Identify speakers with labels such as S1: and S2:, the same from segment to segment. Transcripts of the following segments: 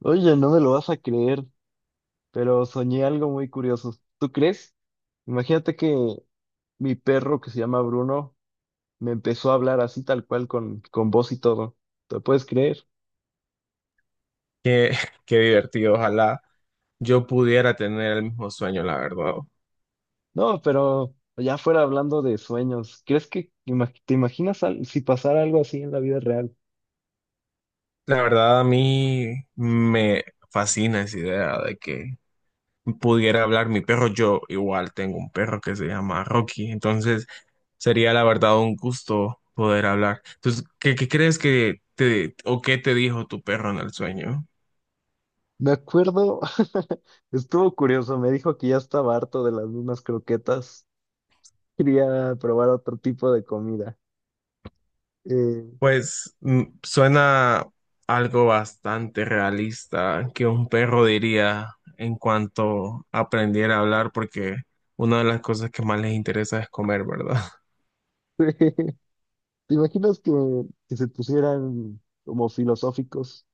S1: Oye, no me lo vas a creer, pero soñé algo muy curioso. ¿Tú crees? Imagínate que mi perro, que se llama Bruno, me empezó a hablar, así tal cual, con voz y todo. ¿Te puedes creer?
S2: Qué, qué divertido, ojalá yo pudiera tener el mismo sueño, la verdad.
S1: No, pero ya fuera hablando de sueños, ¿crees que te imaginas si pasara algo así en la vida real?
S2: La verdad, a mí me fascina esa idea de que pudiera hablar mi perro. Yo igual tengo un perro que se llama Rocky, entonces sería la verdad un gusto poder hablar. Entonces, ¿qué crees que te o qué te dijo tu perro en el sueño?
S1: Me acuerdo, estuvo curioso, me dijo que ya estaba harto de las mismas croquetas, quería probar otro tipo de comida. Eh,
S2: Pues mm, suena algo bastante realista que un perro diría en cuanto aprendiera a hablar, porque una de las cosas que más les interesa es comer, ¿verdad?
S1: ¿Te imaginas que se pusieran como filosóficos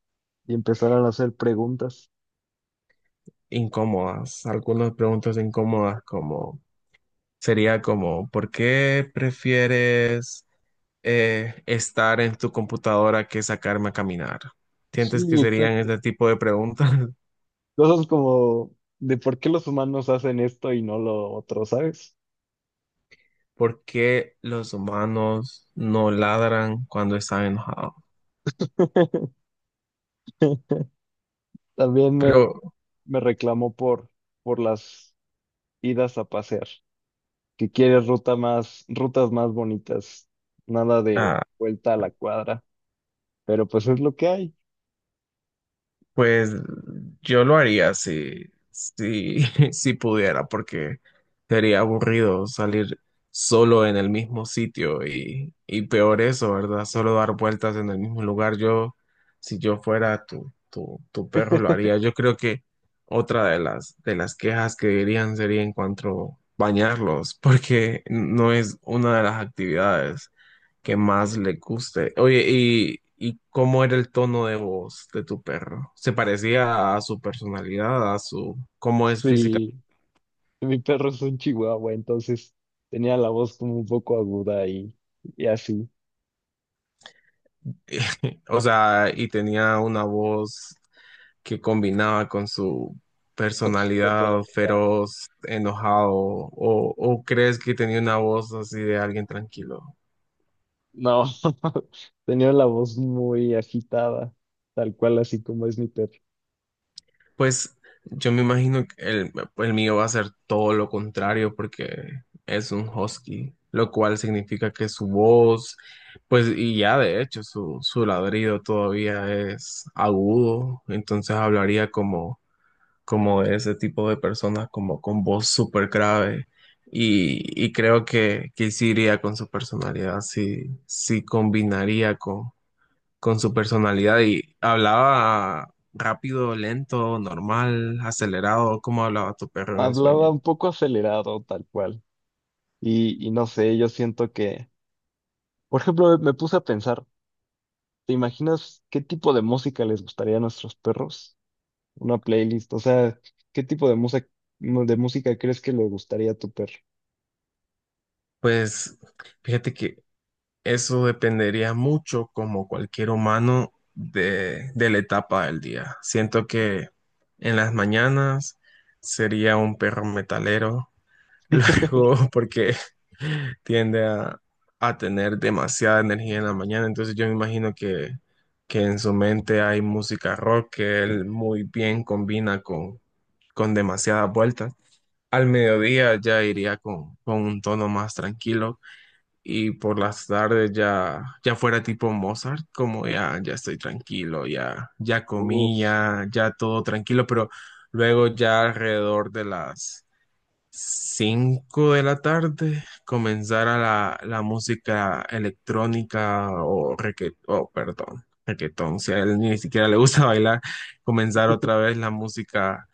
S1: y empezaran a hacer preguntas?
S2: Incómodas, algunas preguntas incómodas como sería como, ¿por qué prefieres estar en tu computadora que sacarme a caminar? ¿Sientes que
S1: Sí,
S2: serían
S1: exacto.
S2: este tipo de preguntas?
S1: Cosas como de por qué los humanos hacen esto y no lo otro, ¿sabes?
S2: ¿Por qué los humanos no ladran cuando están enojados?
S1: También me,
S2: Pero,
S1: me reclamó por las idas a pasear, que quiere rutas más bonitas, nada de
S2: ah,
S1: vuelta a la cuadra, pero pues es lo que hay.
S2: pues yo lo haría si, si pudiera, porque sería aburrido salir solo en el mismo sitio y peor eso, ¿verdad? Solo dar vueltas en el mismo lugar. Yo, si yo fuera tu perro, lo haría. Yo creo que otra de las quejas que dirían sería en cuanto bañarlos, porque no es una de las actividades que más le guste. Oye, ¿y cómo era el tono de voz de tu perro? ¿Se parecía a su personalidad, a su cómo es física?
S1: Sí, mi perro es un chihuahua, entonces tenía la voz como un poco aguda y así.
S2: O sea, y tenía una voz que combinaba con su
S1: Con su
S2: personalidad
S1: personalidad.
S2: feroz, enojado, o crees que tenía una voz así de alguien tranquilo?
S1: No, tenía la voz muy agitada, tal cual así como es mi perro.
S2: Pues yo me imagino que el mío va a ser todo lo contrario porque es un husky, lo cual significa que su voz, pues y ya de hecho su ladrido todavía es agudo, entonces hablaría como, como de ese tipo de personas, como con voz súper grave. Y creo que sí iría con su personalidad, sí combinaría con su personalidad y hablaba rápido, lento, normal, acelerado, ¿cómo hablaba tu perro en el
S1: Hablaba
S2: sueño?
S1: un poco acelerado, tal cual. Y no sé, yo siento que, por ejemplo, me puse a pensar, ¿te imaginas qué tipo de música les gustaría a nuestros perros? Una playlist, o sea, ¿qué tipo de música crees que le gustaría a tu perro?
S2: Pues fíjate que eso dependería mucho, como cualquier humano, de la etapa del día. Siento que en las mañanas sería un perro metalero. Luego, porque tiende a tener demasiada energía en la mañana. Entonces yo me imagino que en su mente hay música rock que él muy bien combina con demasiadas vueltas. Al mediodía ya iría con un tono más tranquilo y por las tardes ya, ya fuera tipo Mozart, como ya, ya estoy tranquilo, ya, ya comí,
S1: Uf,
S2: ya, ya todo tranquilo, pero luego ya alrededor de las 5 de la tarde comenzara la música electrónica o reggae, oh, perdón, reggaetón, si a él ni siquiera le gusta bailar, comenzar otra vez la música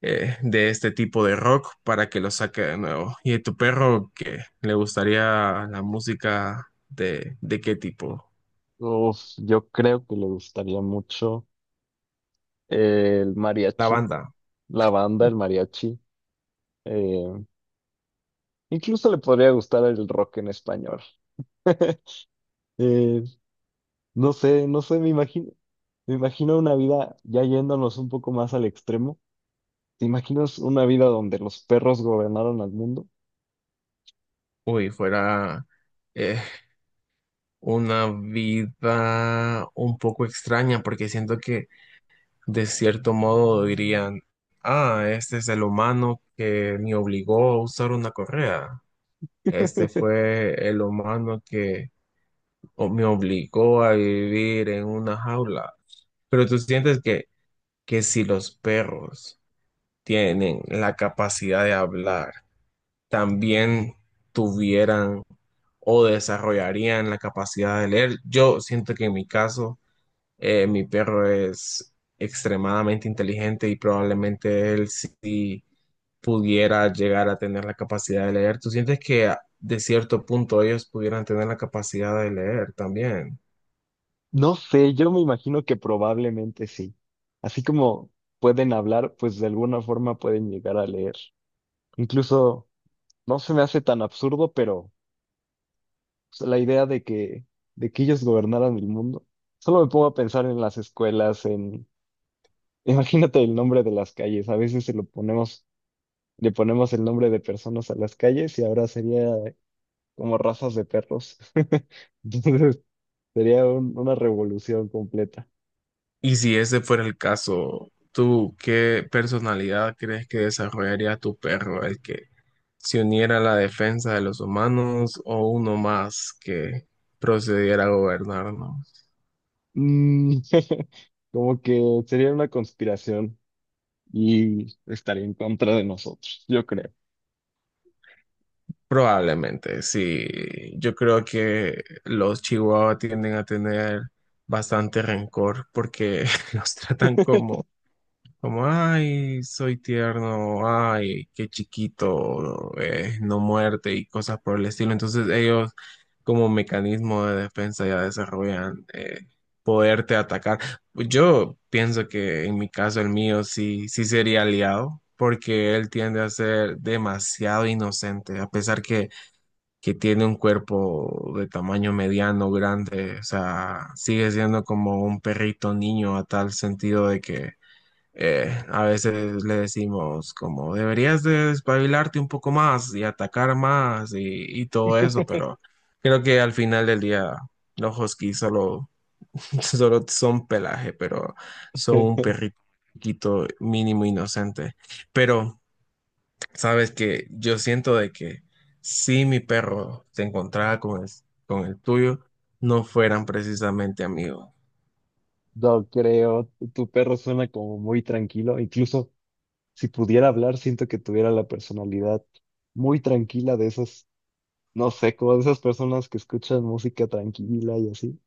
S2: de este tipo de rock para que lo saque de nuevo. ¿Y a tu perro qué le gustaría la música de qué tipo?
S1: uf, yo creo que le gustaría mucho el
S2: La
S1: mariachi,
S2: banda.
S1: la banda, el mariachi. eh, Incluso le podría gustar el rock en español. Eh, no sé, me imagino una vida ya yéndonos un poco más al extremo. ¿Te imaginas una vida donde los perros gobernaron al mundo?
S2: Uy, fuera eh, una vida un poco extraña, porque siento que de cierto modo dirían, ah, este es el humano que me obligó a usar una correa. Este fue el humano que o me obligó a vivir en una jaula. Pero tú sientes que si los perros tienen la capacidad de hablar, también tuvieran o desarrollarían la capacidad de leer. Yo siento que en mi caso, mi perro es extremadamente inteligente y probablemente él sí pudiera llegar a tener la capacidad de leer. ¿Tú sientes que a- de cierto punto ellos pudieran tener la capacidad de leer también?
S1: No sé, yo me imagino que probablemente sí. Así como pueden hablar, pues de alguna forma pueden llegar a leer. Incluso no se me hace tan absurdo, pero pues, la idea de que ellos gobernaran el mundo. Solo me pongo a pensar en las escuelas, en. Imagínate el nombre de las calles. A veces le ponemos el nombre de personas a las calles y ahora sería como razas de perros. Entonces sería una revolución completa.
S2: Y si ese fuera el caso, ¿tú qué personalidad crees que desarrollaría tu perro? ¿El que se uniera a la defensa de los humanos o uno más que procediera a gobernarnos?
S1: Mm, como que sería una conspiración y estaría en contra de nosotros, yo creo.
S2: Probablemente, sí. Yo creo que los chihuahuas tienden a tener bastante rencor porque los tratan como, como, ay, soy tierno, ay, qué chiquito, no muerte y cosas por el estilo. Entonces ellos como mecanismo de defensa ya desarrollan poderte atacar. Yo pienso que en mi caso el mío sí sería aliado porque él tiende a ser demasiado inocente, a pesar que tiene un cuerpo de tamaño mediano, grande, o sea, sigue siendo como un perrito niño a tal sentido de que a veces le decimos como deberías de despabilarte un poco más y atacar más y todo eso, pero creo que al final del día los huskies solo, solo son pelaje, pero son un perrito mínimo inocente. Pero sabes que yo siento de que si mi perro se encontraba con con el tuyo, no fueran precisamente amigos.
S1: No creo, tu perro suena como muy tranquilo, incluso si pudiera hablar, siento que tuviera la personalidad muy tranquila de esos, no sé, como de esas personas que escuchan música tranquila y así.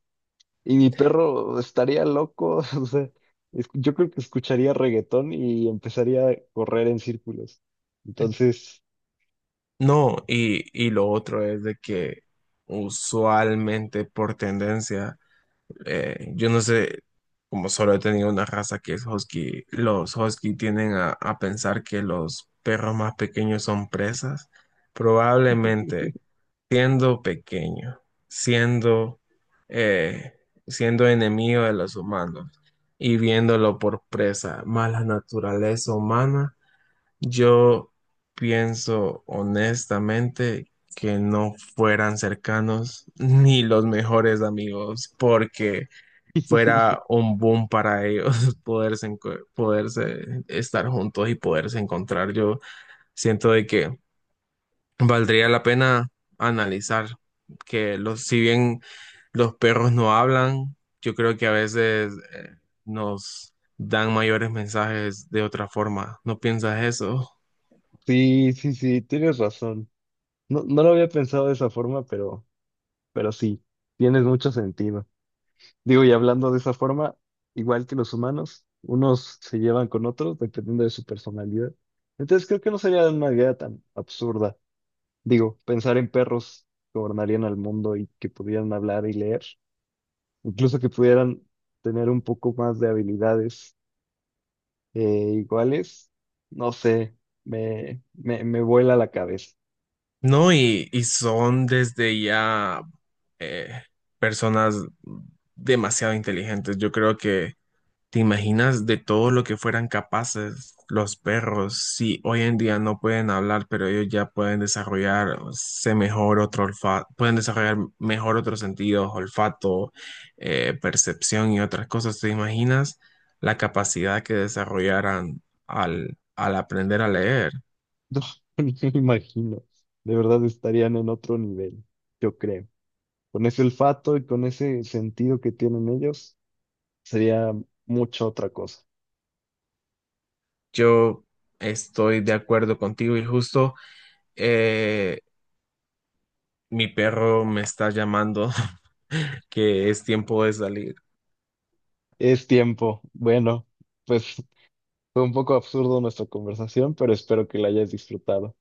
S1: Y mi perro estaría loco, o sea, yo creo que escucharía reggaetón y empezaría a correr en círculos. Entonces,
S2: No, y lo otro es de que usualmente por tendencia, yo no sé, como solo he tenido una raza que es husky, los husky tienden a pensar que los perros más pequeños son presas. Probablemente siendo pequeño, siendo, eh, siendo enemigo de los humanos y viéndolo por presa, más la naturaleza humana yo pienso honestamente que no fueran cercanos ni los mejores amigos, porque fuera un boom para ellos poderse, enco- poderse estar juntos y poderse encontrar. Yo siento de que valdría la pena analizar que los, si bien los perros no hablan, yo creo que a veces nos dan mayores mensajes de otra forma. ¿No piensas eso?
S1: sí, sí, sí, tienes razón. No, no lo había pensado de esa forma, pero sí, tienes mucho sentido. Digo, y hablando de esa forma, igual que los humanos, unos se llevan con otros dependiendo de su personalidad. Entonces creo que no sería una idea tan absurda. Digo, pensar en perros que gobernarían al mundo y que pudieran hablar y leer, incluso que pudieran tener un poco más de habilidades, eh, iguales, no sé, me vuela la cabeza.
S2: No, y son desde ya eh, personas demasiado inteligentes. Yo creo que te imaginas de todo lo que fueran capaces los perros. Si hoy en día no pueden hablar, pero ellos ya pueden desarrollarse mejor otro olfato, pueden desarrollar mejor otros sentidos, olfato, percepción y otras cosas. ¿Te imaginas la capacidad que desarrollaran al aprender a leer?
S1: No, ni me imagino. De verdad estarían en otro nivel, yo creo. Con ese olfato y con ese sentido que tienen ellos, sería mucha otra cosa.
S2: Yo estoy de acuerdo contigo y justo eh, mi perro me está llamando que es tiempo de salir.
S1: Es tiempo. Bueno, pues fue un poco absurdo nuestra conversación, pero espero que la hayas disfrutado.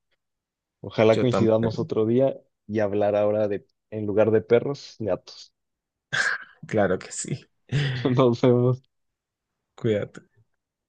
S1: Ojalá
S2: Yo también,
S1: coincidamos otro día y hablar ahora de, en lugar de perros, gatos.
S2: claro que sí.
S1: Nos vemos.
S2: Cuídate.